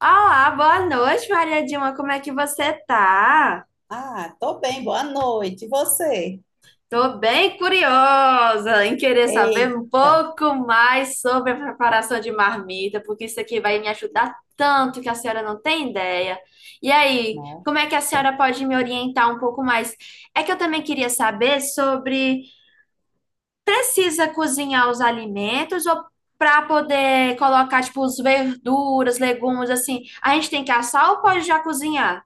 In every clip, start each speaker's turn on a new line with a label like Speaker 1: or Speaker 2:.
Speaker 1: Olá, boa noite, Maria Dilma. Como é que você tá?
Speaker 2: Ah, tô bem, boa noite. E você?
Speaker 1: Tô bem curiosa em querer saber um
Speaker 2: Eita,
Speaker 1: pouco mais sobre a preparação de marmita, porque isso aqui vai me ajudar tanto que a senhora não tem ideia. E aí,
Speaker 2: não
Speaker 1: como é que a senhora pode me orientar um pouco mais? É que eu também queria saber sobre precisa cozinhar os alimentos ou para poder colocar tipo os verduras, legumes assim, a gente tem que assar ou pode já cozinhar?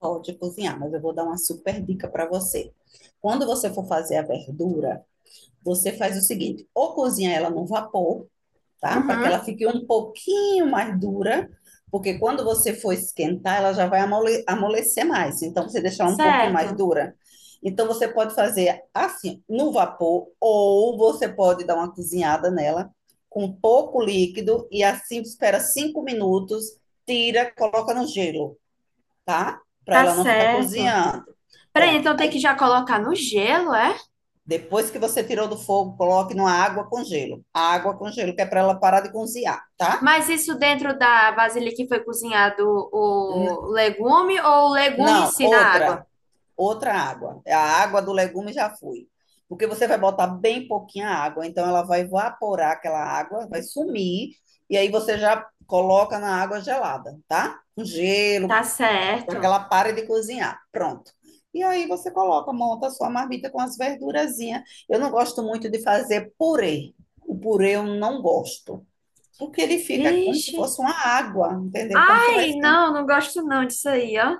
Speaker 2: pode cozinhar, mas eu vou dar uma super dica para você. Quando você for fazer a verdura, você faz o seguinte: ou cozinha ela no vapor, tá? Para que
Speaker 1: Uhum,
Speaker 2: ela fique um pouquinho mais dura, porque quando você for esquentar, ela já vai amolecer mais. Então, você deixar um pouquinho mais
Speaker 1: certo.
Speaker 2: dura. Então, você pode fazer assim, no vapor, ou você pode dar uma cozinhada nela com pouco líquido e assim espera 5 minutos, tira, coloca no gelo, tá? Para
Speaker 1: Tá
Speaker 2: ela não ficar
Speaker 1: certo.
Speaker 2: cozinhando.
Speaker 1: Peraí,
Speaker 2: Pronto.
Speaker 1: então tem que
Speaker 2: Aí,
Speaker 1: já colocar no gelo, é?
Speaker 2: depois que você tirou do fogo, coloque numa água com gelo. A água com gelo, que é para ela parar de cozinhar, tá?
Speaker 1: Mas isso dentro da vasilha que foi cozinhado o legume ou o legume em
Speaker 2: Não,
Speaker 1: si na água?
Speaker 2: outra água. A água do legume já foi. Porque você vai botar bem pouquinha água, então ela vai evaporar aquela água, vai sumir, e aí você já coloca na água gelada, tá? Com gelo,
Speaker 1: Tá
Speaker 2: para que
Speaker 1: certo.
Speaker 2: ela pare de cozinhar. Pronto. E aí você coloca, monta a sua marmita com as verdurazinhas. Eu não gosto muito de fazer purê. O purê eu não gosto, porque ele fica como se
Speaker 1: Vixe.
Speaker 2: fosse uma água, entendeu? Quando você vai
Speaker 1: Ai,
Speaker 2: esquentar,
Speaker 1: não, não gosto não disso aí, ó.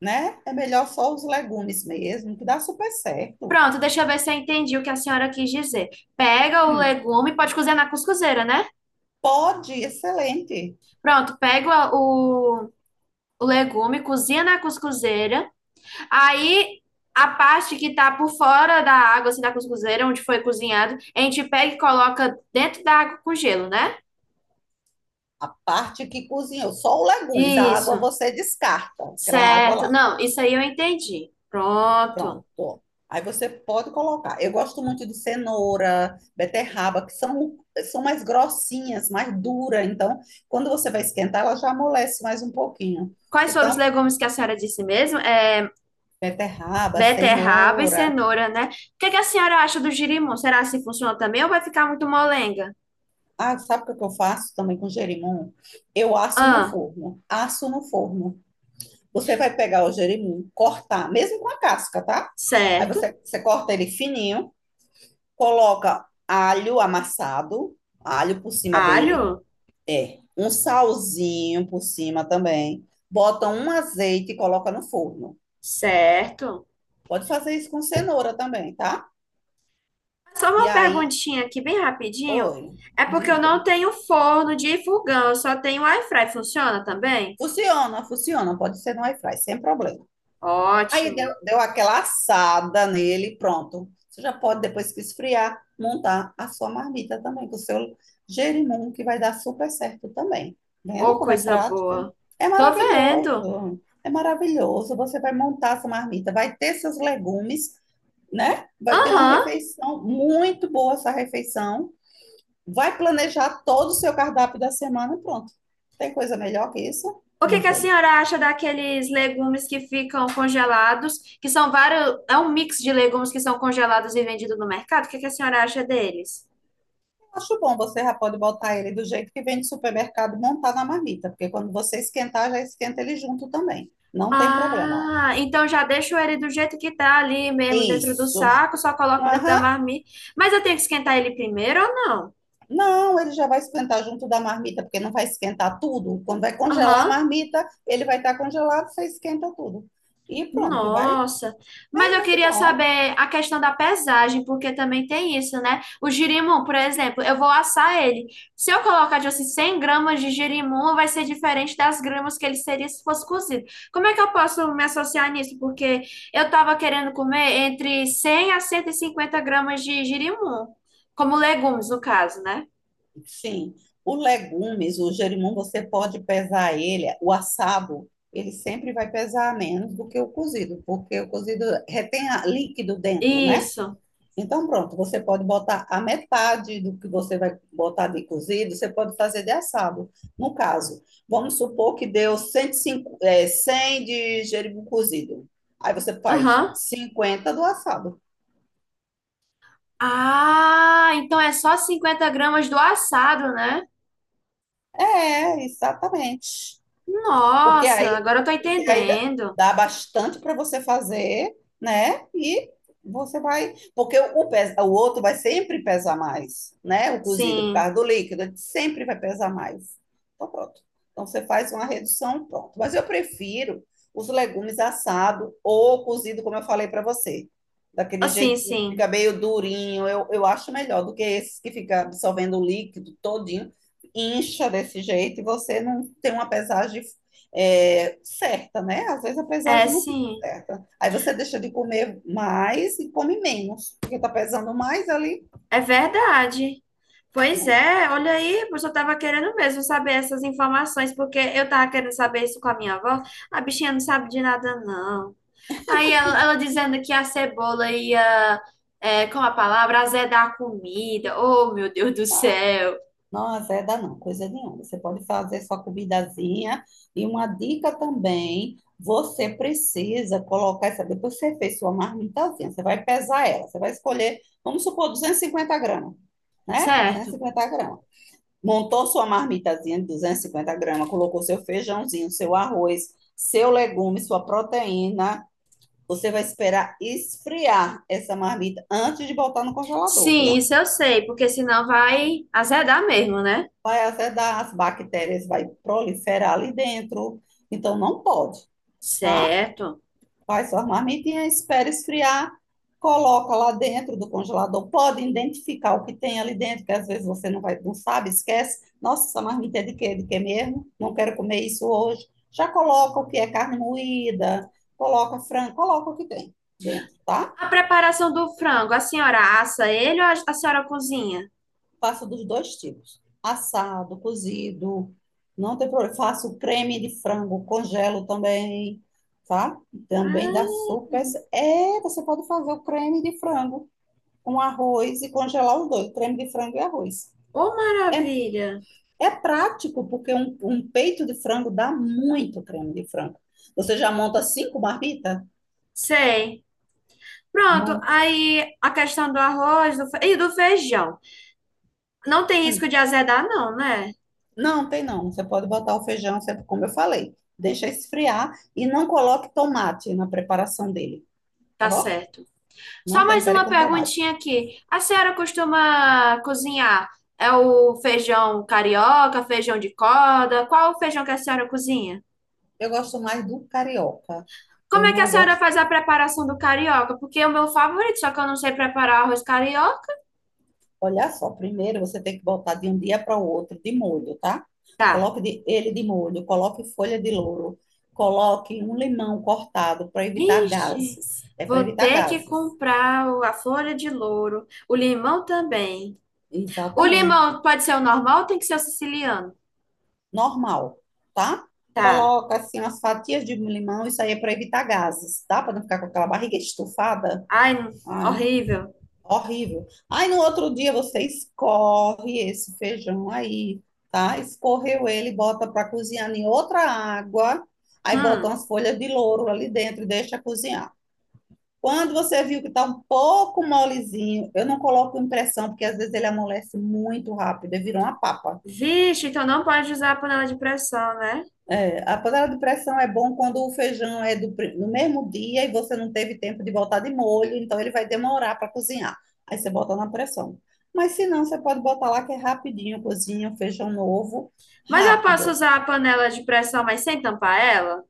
Speaker 2: né? É melhor só os legumes mesmo, que dá super certo.
Speaker 1: Pronto, deixa eu ver se eu entendi o que a senhora quis dizer. Pega o
Speaker 2: Hum,
Speaker 1: legume, pode cozinhar na cuscuzeira, né?
Speaker 2: pode, excelente.
Speaker 1: Pronto, pega o legume, cozinha na cuscuzeira. Aí a parte que tá por fora da água, assim, da cuscuzeira, onde foi cozinhado, a gente pega e coloca dentro da água com gelo, né?
Speaker 2: A parte que cozinhou, só os legumes, a água
Speaker 1: Isso.
Speaker 2: você descarta, aquela água
Speaker 1: Certo.
Speaker 2: lá.
Speaker 1: Não, isso aí eu entendi. Pronto.
Speaker 2: Pronto. Ó. Aí você pode colocar. Eu gosto muito de cenoura, beterraba, que são mais grossinhas, mais duras. Então, quando você vai esquentar, ela já amolece mais um pouquinho.
Speaker 1: Quais foram os
Speaker 2: Então,
Speaker 1: legumes que a senhora disse mesmo? É
Speaker 2: beterraba,
Speaker 1: beterraba e
Speaker 2: cenoura.
Speaker 1: cenoura, né? O que que a senhora acha do girimum? Será se funciona também ou vai ficar muito molenga?
Speaker 2: Ah, sabe o que eu faço também com gerimum? Eu asso no
Speaker 1: Ah,
Speaker 2: forno. Asso no forno. Você vai pegar o jerimum, cortar, mesmo com a casca, tá? Aí
Speaker 1: certo.
Speaker 2: você corta ele fininho, coloca alho amassado, alho por cima dele,
Speaker 1: Alho?
Speaker 2: é, um salzinho por cima também. Bota um azeite e coloca no forno.
Speaker 1: Certo.
Speaker 2: Pode fazer isso com cenoura também, tá?
Speaker 1: Só
Speaker 2: E
Speaker 1: uma
Speaker 2: aí,
Speaker 1: perguntinha aqui, bem rapidinho.
Speaker 2: oi,
Speaker 1: É porque eu
Speaker 2: diga.
Speaker 1: não tenho forno de fogão, eu só tenho air fry. Funciona também?
Speaker 2: Funciona, funciona, pode ser no airfryer, sem problema. Aí deu,
Speaker 1: Ótimo.
Speaker 2: deu aquela assada nele, pronto. Você já pode, depois que esfriar, montar a sua marmita também, com o seu jerimum, que vai dar super certo também. Vendo
Speaker 1: Ô,
Speaker 2: como é
Speaker 1: coisa
Speaker 2: prático?
Speaker 1: boa.
Speaker 2: É
Speaker 1: Tô vendo.
Speaker 2: maravilhoso. É maravilhoso. Você vai montar sua marmita, vai ter seus legumes, né? Vai ter uma
Speaker 1: Aham.
Speaker 2: refeição muito boa essa refeição. Vai planejar todo o seu cardápio da semana, e pronto. Tem coisa melhor que isso?
Speaker 1: O que
Speaker 2: Não
Speaker 1: que a
Speaker 2: tem.
Speaker 1: senhora acha daqueles legumes que ficam congelados, que são vários, é um mix de legumes que são congelados e vendidos no mercado? O que que a senhora acha deles?
Speaker 2: Acho bom, você já pode botar ele do jeito que vem de supermercado e montar na marmita, porque quando você esquentar, já esquenta ele junto também. Não tem problema.
Speaker 1: Ah, então já deixo ele do jeito que tá ali mesmo dentro do
Speaker 2: Isso.
Speaker 1: saco, só coloco dentro da
Speaker 2: Aham.
Speaker 1: marmita. Mas eu tenho que esquentar ele primeiro ou não?
Speaker 2: Não, ele já vai esquentar junto da marmita, porque não vai esquentar tudo. Quando vai congelar a
Speaker 1: Aham.
Speaker 2: marmita, ele vai estar congelado, você esquenta tudo. E pronto, vai.
Speaker 1: Nossa, mas
Speaker 2: É
Speaker 1: eu
Speaker 2: muito
Speaker 1: queria
Speaker 2: bom.
Speaker 1: saber a questão da pesagem, porque também tem isso, né? O girimum, por exemplo, eu vou assar ele. Se eu colocar, tipo assim, 100 g de girimum, vai ser diferente das gramas que ele seria se fosse cozido. Como é que eu posso me associar nisso? Porque eu estava querendo comer entre 100 a 150 g de girimum, como legumes, no caso, né?
Speaker 2: Sim, o legumes, o gerimum, você pode pesar ele, o assado, ele sempre vai pesar menos do que o cozido, porque o cozido retém líquido dentro, né?
Speaker 1: Isso.
Speaker 2: Então, pronto, você pode botar a metade do que você vai botar de cozido, você pode fazer de assado. No caso, vamos supor que deu 105, é, 100 de gerimum cozido. Aí você faz
Speaker 1: Aham.
Speaker 2: 50 do assado.
Speaker 1: Ah, então é só 50 g do assado, né?
Speaker 2: É, exatamente. Porque
Speaker 1: Nossa,
Speaker 2: aí,
Speaker 1: agora eu tô
Speaker 2: porque aí dá
Speaker 1: entendendo.
Speaker 2: dá bastante para você fazer, né? E você vai. Porque o outro vai sempre pesar mais, né? O cozido, por
Speaker 1: Sim,
Speaker 2: causa do líquido, ele sempre vai pesar mais. Então, pronto. Então, você faz uma redução, pronto. Mas eu prefiro os legumes assados ou cozido, como eu falei para você.
Speaker 1: Ah,
Speaker 2: Daquele
Speaker 1: sim,
Speaker 2: jeito, que fica
Speaker 1: sim.
Speaker 2: meio durinho, eu acho melhor do que esses que fica absorvendo o líquido todinho, incha desse jeito e você não tem uma pesagem é, certa, né? Às vezes a
Speaker 1: É,
Speaker 2: pesagem não fica
Speaker 1: sim.
Speaker 2: certa. Aí você deixa de comer mais e come menos, porque tá pesando mais ali.
Speaker 1: É verdade. Pois é, olha aí, pois eu tava querendo mesmo saber essas informações, porque eu tava querendo saber isso com a minha avó. A bichinha não sabe de nada, não. Aí ela dizendo que a cebola ia, é, com a palavra, azedar a comida. Oh, meu Deus do
Speaker 2: Não,
Speaker 1: céu.
Speaker 2: não azeda não, coisa nenhuma. Você pode fazer sua comidazinha. E uma dica também, você precisa colocar essa. Depois que você fez sua marmitazinha, você vai pesar ela. Você vai escolher, vamos supor, 250 gramas, né? Duzentos e
Speaker 1: Certo.
Speaker 2: cinquenta gramas. Montou sua marmitazinha de 250 gramas, colocou seu feijãozinho, seu arroz, seu legume, sua proteína. Você vai esperar esfriar essa marmita antes de botar no congelador,
Speaker 1: Sim,
Speaker 2: viu?
Speaker 1: isso eu sei, porque senão vai azedar mesmo, né?
Speaker 2: Vai azedar, as bactérias vai proliferar ali dentro. Então, não pode, tá?
Speaker 1: Certo.
Speaker 2: Faz sua marmitinha, espera esfriar, coloca lá dentro do congelador, pode identificar o que tem ali dentro, que às vezes você não vai, não sabe, esquece. Nossa, essa marmita é de quê? De quê mesmo? Não quero comer isso hoje. Já coloca o que é carne moída, coloca frango, coloca o que tem dentro, tá?
Speaker 1: A preparação do frango, a senhora assa ele ou a senhora cozinha?
Speaker 2: Faço dos dois tipos. Assado, cozido, não tem problema. Faço o creme de frango, congelo também, tá? Também
Speaker 1: Ai,
Speaker 2: dá super. É, você pode fazer o creme de frango, um arroz e congelar os dois, creme de frango e arroz.
Speaker 1: ô
Speaker 2: É,
Speaker 1: maravilha.
Speaker 2: é prático, porque um peito de frango dá muito creme de frango. Você já monta cinco marmitas?
Speaker 1: Sei. Pronto,
Speaker 2: Monta.
Speaker 1: aí a questão do arroz e do feijão. Não tem risco
Speaker 2: Hum,
Speaker 1: de azedar, não, né?
Speaker 2: Não, tem não. Você pode botar o feijão, como eu falei. Deixa esfriar e não coloque tomate na preparação dele, tá
Speaker 1: Tá
Speaker 2: bom?
Speaker 1: certo.
Speaker 2: Não
Speaker 1: Só mais
Speaker 2: tempere
Speaker 1: uma
Speaker 2: com tomate.
Speaker 1: perguntinha aqui. A senhora costuma cozinhar? É o feijão carioca, feijão de corda? Qual o feijão que a senhora cozinha?
Speaker 2: Eu gosto mais do carioca.
Speaker 1: Como
Speaker 2: Eu
Speaker 1: é que a
Speaker 2: não
Speaker 1: senhora
Speaker 2: gosto.
Speaker 1: faz a preparação do carioca? Porque é o meu favorito, só que eu não sei preparar arroz carioca.
Speaker 2: Olha só, primeiro você tem que botar de um dia para o outro de molho, tá?
Speaker 1: Tá.
Speaker 2: Coloque ele de molho, coloque folha de louro, coloque um limão cortado para evitar
Speaker 1: Ixi,
Speaker 2: gases. É para
Speaker 1: vou
Speaker 2: evitar
Speaker 1: ter que
Speaker 2: gases.
Speaker 1: comprar a folha de louro, o limão também. O limão
Speaker 2: Exatamente.
Speaker 1: pode ser o normal ou tem que ser o siciliano?
Speaker 2: Normal, tá?
Speaker 1: Tá.
Speaker 2: Coloca assim as fatias de limão, isso aí é para evitar gases, tá? Para não ficar com aquela barriga estufada.
Speaker 1: Ai,
Speaker 2: Ai,
Speaker 1: horrível.
Speaker 2: horrível. Aí no outro dia você escorre esse feijão aí, tá? Escorreu ele, bota para cozinhar em outra água, aí bota
Speaker 1: Hum.
Speaker 2: umas folhas de louro ali dentro e deixa cozinhar. Quando você viu que tá um pouco molezinho, eu não coloco impressão, porque às vezes ele amolece muito rápido, e vira uma papa.
Speaker 1: Vixe, então não pode usar a panela de pressão, né?
Speaker 2: A panela de pressão é bom quando o feijão é no mesmo dia e você não teve tempo de botar de molho, então ele vai demorar para cozinhar. Aí você bota na pressão. Mas se não, você pode botar lá que é rapidinho, cozinha o feijão novo,
Speaker 1: Mas eu posso
Speaker 2: rápido.
Speaker 1: usar a panela de pressão, mas sem tampar ela?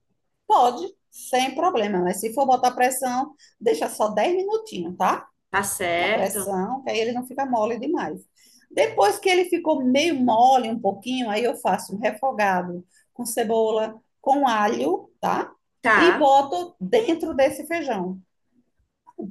Speaker 2: Pode, sem problema, mas se for botar pressão, deixa só 10 minutinhos, tá?
Speaker 1: Tá
Speaker 2: Na
Speaker 1: certo.
Speaker 2: pressão, que aí ele não fica mole demais. Depois que ele ficou meio mole um pouquinho, aí eu faço um refogado com cebola, com alho, tá? E
Speaker 1: Tá.
Speaker 2: boto dentro desse feijão.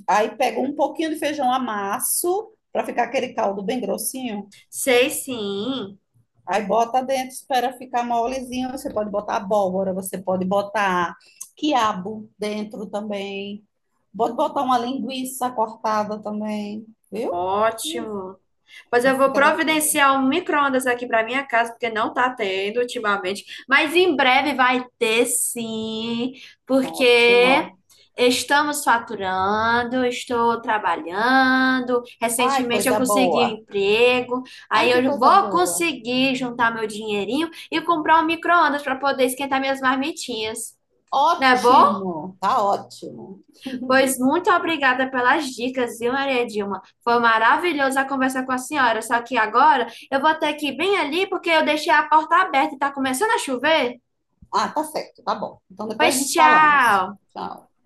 Speaker 2: Aí pego um pouquinho de feijão, amasso para ficar aquele caldo bem grossinho.
Speaker 1: Sei sim.
Speaker 2: Aí bota dentro, espera ficar molezinho. Você pode botar abóbora, você pode botar quiabo dentro também. Pode botar uma linguiça cortada também, viu? Hum,
Speaker 1: Ótimo. Pois eu vou
Speaker 2: Fica delicioso.
Speaker 1: providenciar um micro-ondas aqui para minha casa, porque não tá tendo ultimamente. Mas em breve vai ter sim, porque
Speaker 2: Ótimo.
Speaker 1: estamos faturando, estou trabalhando.
Speaker 2: Ai,
Speaker 1: Recentemente eu
Speaker 2: coisa
Speaker 1: consegui um
Speaker 2: boa.
Speaker 1: emprego, aí
Speaker 2: Ai, que
Speaker 1: eu
Speaker 2: coisa
Speaker 1: vou
Speaker 2: boa.
Speaker 1: conseguir juntar meu dinheirinho e comprar um micro-ondas para poder esquentar minhas marmitinhas. Não é bom?
Speaker 2: Ótimo. Tá ótimo.
Speaker 1: Pois muito obrigada pelas dicas, viu, Maria Dilma? Foi maravilhoso a conversa com a senhora, só que agora eu vou ter que ir bem ali porque eu deixei a porta aberta e tá começando a chover.
Speaker 2: Ah, tá certo. Tá bom. Então depois
Speaker 1: Pois
Speaker 2: nos falamos.
Speaker 1: tchau!
Speaker 2: Tchau.